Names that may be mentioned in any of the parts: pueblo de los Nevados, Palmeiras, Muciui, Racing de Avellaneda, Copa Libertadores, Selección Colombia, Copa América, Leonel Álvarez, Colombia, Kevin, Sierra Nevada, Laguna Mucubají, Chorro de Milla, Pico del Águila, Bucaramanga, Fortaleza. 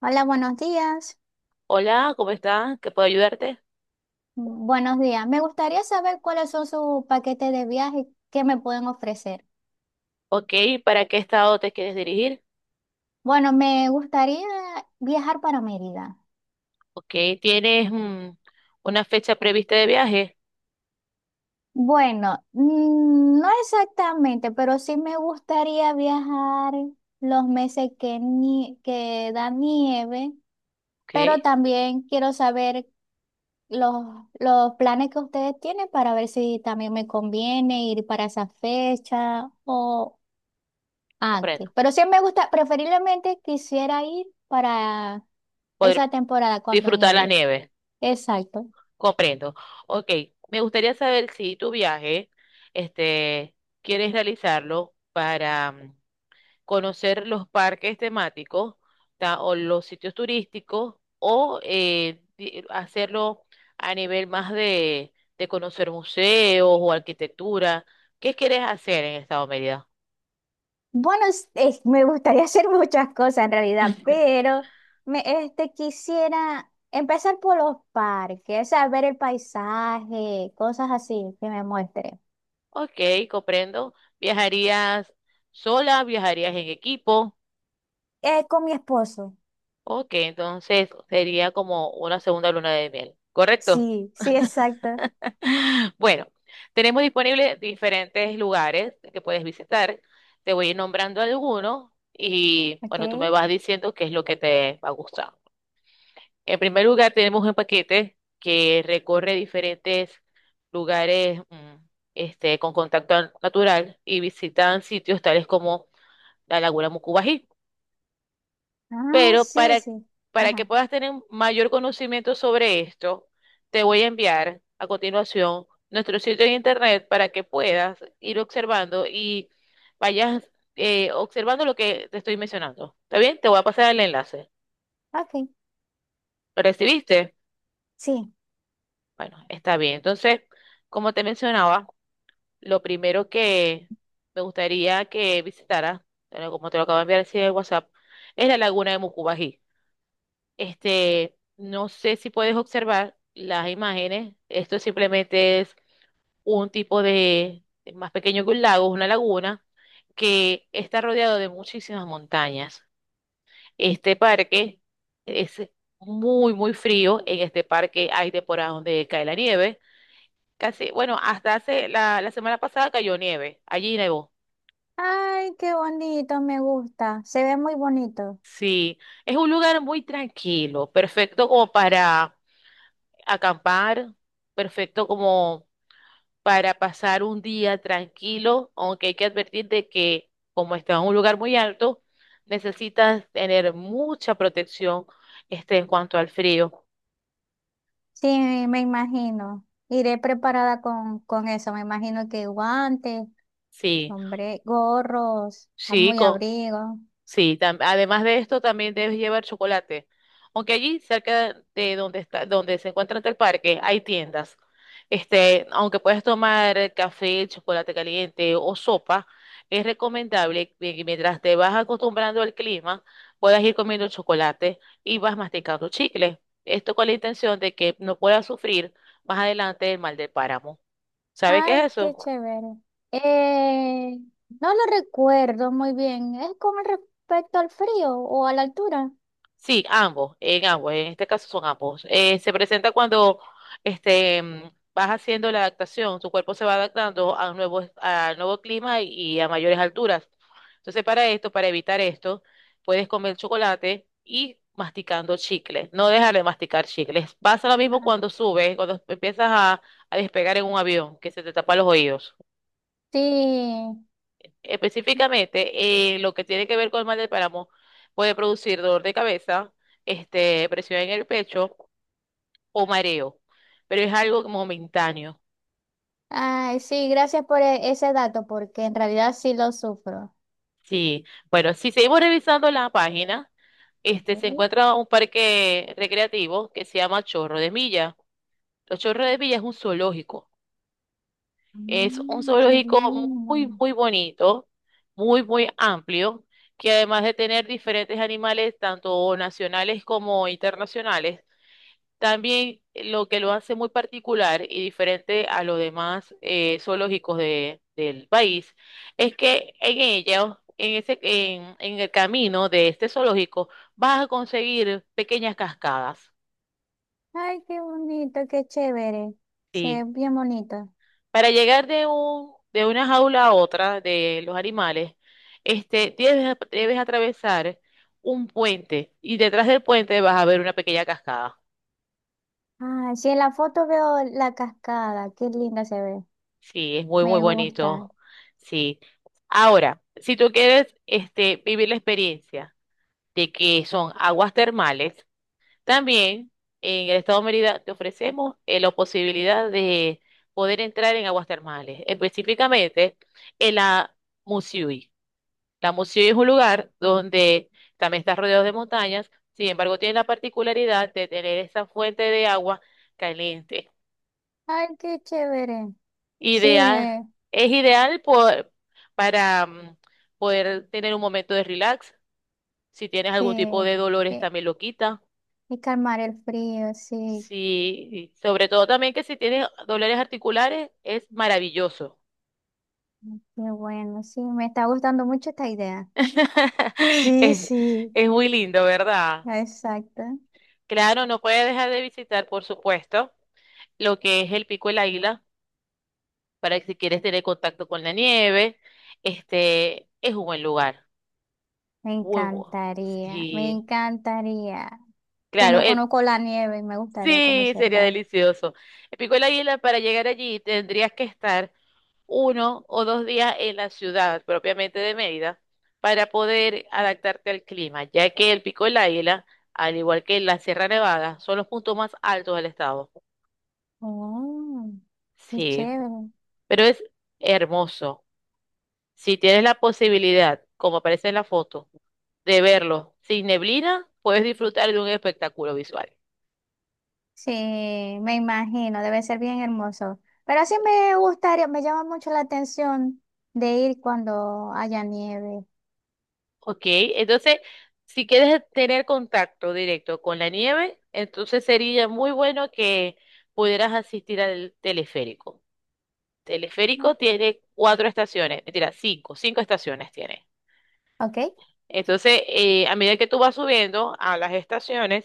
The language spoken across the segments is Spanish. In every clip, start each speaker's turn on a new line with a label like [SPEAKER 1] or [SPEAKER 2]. [SPEAKER 1] Hola, buenos días.
[SPEAKER 2] Hola, ¿cómo estás? ¿Qué puedo ayudarte?
[SPEAKER 1] Buenos días. Me gustaría saber cuáles son sus paquetes de viaje que me pueden ofrecer.
[SPEAKER 2] Ok, ¿para qué estado te quieres dirigir?
[SPEAKER 1] Bueno, me gustaría viajar para Mérida.
[SPEAKER 2] Ok, ¿tienes una fecha prevista de viaje?
[SPEAKER 1] Bueno, no exactamente, pero sí me gustaría viajar los meses que, que da nieve,
[SPEAKER 2] Ok,
[SPEAKER 1] pero también quiero saber los, los planes que ustedes tienen para ver si también me conviene ir para esa fecha o antes.
[SPEAKER 2] comprendo.
[SPEAKER 1] Pero sí me gusta, preferiblemente quisiera ir para
[SPEAKER 2] Poder
[SPEAKER 1] esa temporada cuando
[SPEAKER 2] disfrutar las
[SPEAKER 1] nieve.
[SPEAKER 2] nieves,
[SPEAKER 1] Exacto.
[SPEAKER 2] comprendo. Ok, me gustaría saber si tu viaje, este, quieres realizarlo para conocer los parques temáticos o los sitios turísticos o hacerlo a nivel más de conocer museos o arquitectura. ¿Qué quieres hacer en Estado Mérida?
[SPEAKER 1] Bueno, me gustaría hacer muchas cosas en realidad, pero me, este, quisiera empezar por los parques, o sea, ver el paisaje, cosas así que me muestre.
[SPEAKER 2] Ok, comprendo. ¿Viajarías sola? ¿Viajarías en equipo?
[SPEAKER 1] Con mi esposo.
[SPEAKER 2] Ok, entonces sería como una segunda luna de miel, ¿correcto?
[SPEAKER 1] Sí, sí, exacto.
[SPEAKER 2] Bueno, tenemos disponibles diferentes lugares que puedes visitar. Te voy a ir nombrando algunos y
[SPEAKER 1] Ok.
[SPEAKER 2] bueno, tú me vas diciendo qué es lo que te va a gustar. En primer lugar, tenemos un paquete que recorre diferentes lugares con contacto natural y visitan sitios tales como la Laguna Mucubají.
[SPEAKER 1] Ah,
[SPEAKER 2] Pero
[SPEAKER 1] sí,
[SPEAKER 2] para,
[SPEAKER 1] sí.
[SPEAKER 2] para que
[SPEAKER 1] Ajá.
[SPEAKER 2] puedas tener un mayor conocimiento sobre esto, te voy a enviar a continuación nuestro sitio de internet para que puedas ir observando y vayas observando lo que te estoy mencionando. ¿Está bien? Te voy a pasar el enlace.
[SPEAKER 1] Ok.
[SPEAKER 2] ¿Lo recibiste?
[SPEAKER 1] Sí.
[SPEAKER 2] Bueno, está bien. Entonces, como te mencionaba, lo primero que me gustaría que visitaras, bueno, como te lo acabo de enviar así en el WhatsApp, es la laguna de Mucubají. No sé si puedes observar las imágenes. Esto simplemente es un tipo de, más pequeño que un lago, es una laguna que está rodeado de muchísimas montañas. Este parque es muy, muy frío. En este parque hay temporadas donde cae la nieve. Casi, bueno, hasta hace la semana pasada cayó nieve. Allí nevó.
[SPEAKER 1] Ay, qué bonito, me gusta. Se ve muy bonito.
[SPEAKER 2] Sí, es un lugar muy tranquilo, perfecto como para acampar, perfecto como para pasar un día tranquilo, aunque hay que advertir de que como está en un lugar muy alto, necesitas tener mucha protección en cuanto al frío.
[SPEAKER 1] Sí, me imagino. Iré preparada con eso. Me imagino que guantes,
[SPEAKER 2] Sí,
[SPEAKER 1] hombre, gorros,
[SPEAKER 2] sí,
[SPEAKER 1] muy abrigo.
[SPEAKER 2] sí, además de esto también debes llevar chocolate. Aunque allí cerca de donde está, donde se encuentra el parque, hay tiendas. Aunque puedes tomar café, chocolate caliente o sopa, es recomendable que mientras te vas acostumbrando al clima, puedas ir comiendo chocolate y vas masticando chicle. Esto con la intención de que no puedas sufrir más adelante el mal del páramo. ¿Sabes qué
[SPEAKER 1] Ay,
[SPEAKER 2] es
[SPEAKER 1] qué
[SPEAKER 2] eso?
[SPEAKER 1] chévere. Eh, no lo recuerdo muy bien. ¿Es con respecto al frío o a la altura?
[SPEAKER 2] Sí, ambos, en ambos, en este caso son ambos. Se presenta cuando este, mm, vas haciendo la adaptación, tu cuerpo se va adaptando a nuevo clima y a mayores alturas. Entonces, para esto, para evitar esto, puedes comer chocolate y masticando chicle. No dejar de masticar chicles. Pasa lo mismo
[SPEAKER 1] Ah,
[SPEAKER 2] cuando subes, cuando empiezas a despegar en un avión, que se te tapa los oídos.
[SPEAKER 1] sí.
[SPEAKER 2] Específicamente, lo que tiene que ver con el mal del páramo puede producir dolor de cabeza, presión en el pecho o mareo, pero es algo momentáneo.
[SPEAKER 1] Ay, sí, gracias por ese dato, porque en realidad sí lo sufro.
[SPEAKER 2] Sí, bueno, si seguimos revisando la página, se
[SPEAKER 1] Ok.
[SPEAKER 2] encuentra un parque recreativo que se llama Chorro de Milla. Los Chorros de Milla es un zoológico. Es un
[SPEAKER 1] Mm, qué
[SPEAKER 2] zoológico
[SPEAKER 1] lindo.
[SPEAKER 2] muy, muy bonito, muy, muy amplio, que además de tener diferentes animales, tanto nacionales como internacionales, también lo que lo hace muy particular y diferente a los demás zoológicos del país es que en ellos, en ese, en el camino de este zoológico, vas a conseguir pequeñas cascadas.
[SPEAKER 1] Ay, qué bonito, qué chévere. Se
[SPEAKER 2] Sí.
[SPEAKER 1] ve bien bonito.
[SPEAKER 2] Para llegar de una jaula a otra de los animales, debes atravesar un puente y detrás del puente vas a ver una pequeña cascada.
[SPEAKER 1] Ah, sí, en la foto veo la cascada, qué linda se ve,
[SPEAKER 2] Sí, es muy, muy
[SPEAKER 1] me gusta.
[SPEAKER 2] bonito. Sí. Ahora, si tú quieres vivir la experiencia de que son aguas termales, también en el estado de Mérida te ofrecemos la posibilidad de poder entrar en aguas termales, específicamente en la Muciui. La Muciui es un lugar donde también está rodeado de montañas, sin embargo, tiene la particularidad de tener esa fuente de agua caliente.
[SPEAKER 1] Ay, qué chévere. Sí,
[SPEAKER 2] Ideal, es ideal para poder tener un momento de relax. Si tienes
[SPEAKER 1] sí,
[SPEAKER 2] algún tipo de dolores,
[SPEAKER 1] eh,
[SPEAKER 2] también lo quita.
[SPEAKER 1] y calmar el frío, sí,
[SPEAKER 2] Sí, y sobre todo también que si tienes dolores articulares, es maravilloso.
[SPEAKER 1] qué bueno, sí, me está gustando mucho esta idea. Sí,
[SPEAKER 2] Es,
[SPEAKER 1] sí,
[SPEAKER 2] es muy lindo, ¿verdad?
[SPEAKER 1] exacto.
[SPEAKER 2] Claro, no puedes dejar de visitar, por supuesto, lo que es el Pico del Águila, para que si quieres tener contacto con la nieve, este es un buen lugar.
[SPEAKER 1] Me
[SPEAKER 2] Muy bueno.
[SPEAKER 1] encantaría, me
[SPEAKER 2] Sí.
[SPEAKER 1] encantaría. Que
[SPEAKER 2] Claro,
[SPEAKER 1] no
[SPEAKER 2] el
[SPEAKER 1] conozco la nieve y me gustaría
[SPEAKER 2] sí, sería
[SPEAKER 1] conocerla.
[SPEAKER 2] delicioso. El Pico del Águila, para llegar allí, tendrías que estar 1 o 2 días en la ciudad propiamente de Mérida para poder adaptarte al clima, ya que el Pico del Águila, al igual que la Sierra Nevada, son los puntos más altos del estado.
[SPEAKER 1] Oh, qué
[SPEAKER 2] Sí,
[SPEAKER 1] chévere.
[SPEAKER 2] pero es hermoso. Si tienes la posibilidad, como aparece en la foto, de verlo sin neblina, puedes disfrutar de un espectáculo visual.
[SPEAKER 1] Sí, me imagino, debe ser bien hermoso. Pero sí me gustaría, me llama mucho la atención de ir cuando haya nieve.
[SPEAKER 2] Ok, entonces, si quieres tener contacto directo con la nieve, entonces sería muy bueno que pudieras asistir al teleférico.
[SPEAKER 1] ¿No?
[SPEAKER 2] Teleférico tiene cuatro estaciones, mentira, cinco estaciones tiene.
[SPEAKER 1] ¿Ok?
[SPEAKER 2] Entonces, a medida que tú vas subiendo a las estaciones,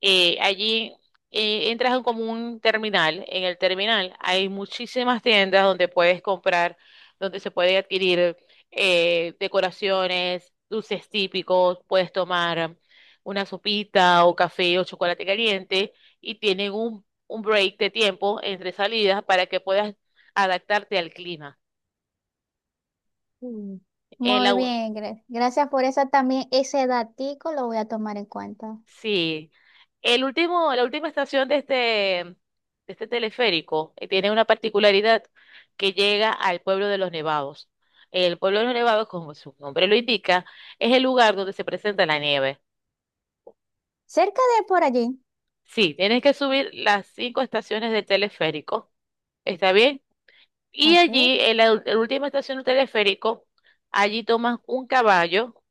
[SPEAKER 2] allí entras en como un terminal. En el terminal hay muchísimas tiendas donde puedes comprar, donde se puede adquirir decoraciones, dulces típicos, puedes tomar una sopita o café o chocolate caliente y tienen un break de tiempo entre salidas para que puedas adaptarte al clima.
[SPEAKER 1] Mm.
[SPEAKER 2] En la,
[SPEAKER 1] Muy bien, gracias por eso también. Ese datico lo voy a tomar en cuenta.
[SPEAKER 2] Sí. La última estación de este, teleférico tiene una particularidad que llega al pueblo de los Nevados. El pueblo de los Nevados, como su nombre lo indica, es el lugar donde se presenta la nieve.
[SPEAKER 1] Cerca de por allí.
[SPEAKER 2] Sí, tienes que subir las cinco estaciones del teleférico. ¿Está bien? Y
[SPEAKER 1] Ok.
[SPEAKER 2] allí, en la, la última estación del teleférico, allí toman un caballo.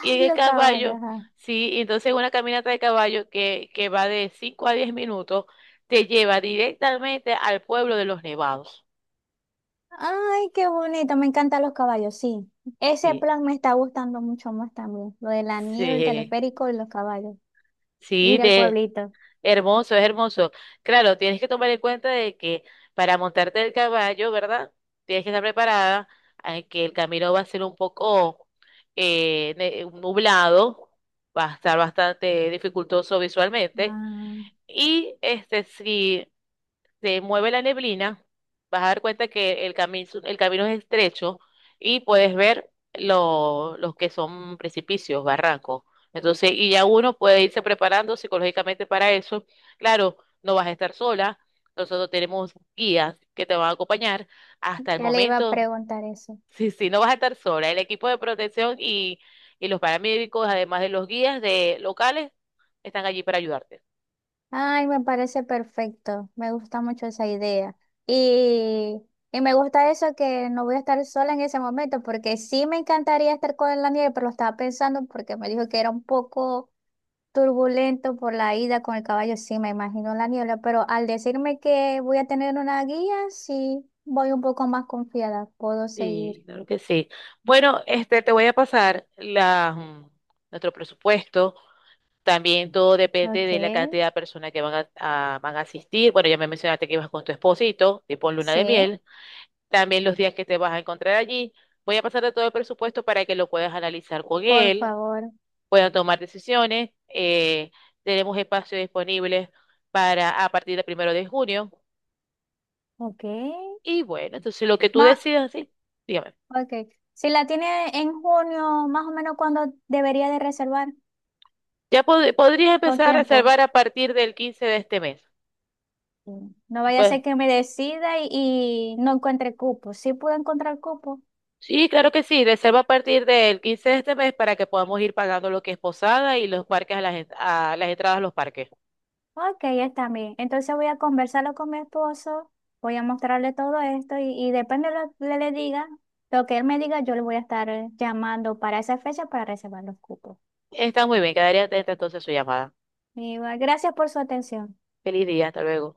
[SPEAKER 2] Y en el
[SPEAKER 1] los caballos.
[SPEAKER 2] caballo,
[SPEAKER 1] Ajá.
[SPEAKER 2] sí, y entonces una caminata de caballo que va de 5 a 10 minutos te lleva directamente al pueblo de los Nevados.
[SPEAKER 1] Ay, qué bonito, me encantan los caballos, sí. Ese
[SPEAKER 2] Sí,
[SPEAKER 1] plan me está gustando mucho más también. Lo de la nieve, el
[SPEAKER 2] sí,
[SPEAKER 1] teleférico y los caballos.
[SPEAKER 2] sí,
[SPEAKER 1] Ir al
[SPEAKER 2] de,
[SPEAKER 1] pueblito.
[SPEAKER 2] hermoso, es hermoso. Claro, tienes que tomar en cuenta de que para montarte el caballo, ¿verdad? Tienes que estar preparada, a que el camino va a ser un poco nublado, va a estar bastante dificultoso visualmente.
[SPEAKER 1] Ah.
[SPEAKER 2] Y este sí. Se mueve la neblina, vas a dar cuenta que el camino es estrecho y puedes ver los que son precipicios, barrancos. Entonces, y ya uno puede irse preparando psicológicamente para eso. Claro, no vas a estar sola. Nosotros tenemos guías que te van a acompañar hasta el
[SPEAKER 1] Ya le iba a
[SPEAKER 2] momento.
[SPEAKER 1] preguntar eso.
[SPEAKER 2] Sí, sí, no vas a estar sola. El equipo de protección y los paramédicos, además de los guías de locales, están allí para ayudarte.
[SPEAKER 1] Ay, me parece perfecto. Me gusta mucho esa idea. Y, y me gusta eso que no voy a estar sola en ese momento, porque sí me encantaría estar con la nieve, pero lo estaba pensando porque me dijo que era un poco turbulento por la ida con el caballo. Sí, me imagino la niebla, pero al decirme que voy a tener una guía, sí voy un poco más confiada. Puedo seguir.
[SPEAKER 2] Sí, claro que sí. Bueno, este, te voy a pasar nuestro presupuesto. También todo depende
[SPEAKER 1] Ok,
[SPEAKER 2] de la cantidad de personas que van a asistir. Bueno, ya me mencionaste que ibas con tu esposito, tipo luna de
[SPEAKER 1] sí,
[SPEAKER 2] miel. También los días que te vas a encontrar allí. Voy a pasarte todo el presupuesto para que lo puedas analizar con
[SPEAKER 1] por
[SPEAKER 2] él,
[SPEAKER 1] favor.
[SPEAKER 2] puedan tomar decisiones. Tenemos espacio disponible para a partir del 1 de junio.
[SPEAKER 1] Ok.
[SPEAKER 2] Y bueno, entonces lo que tú decidas, sí, dígame.
[SPEAKER 1] Ok. Si la tiene en junio, más o menos cuando debería de reservar
[SPEAKER 2] Ya podrías
[SPEAKER 1] con
[SPEAKER 2] empezar a
[SPEAKER 1] tiempo.
[SPEAKER 2] reservar a partir del 15 de este mes.
[SPEAKER 1] Mm. No vaya a
[SPEAKER 2] Pues
[SPEAKER 1] ser que me decida y no encuentre cupo. Sí puedo encontrar cupo.
[SPEAKER 2] sí, claro que sí, reserva a partir del 15 de este mes para que podamos ir pagando lo que es posada y los parques a las entradas a los parques.
[SPEAKER 1] Ok, está bien. Entonces voy a conversarlo con mi esposo, voy a mostrarle todo esto y depende de lo que le diga, lo que él me diga, yo le voy a estar llamando para esa fecha para reservar los cupos.
[SPEAKER 2] Está muy bien, quedaría atenta entonces a su llamada.
[SPEAKER 1] Y, bueno, gracias por su atención.
[SPEAKER 2] Feliz día, hasta luego.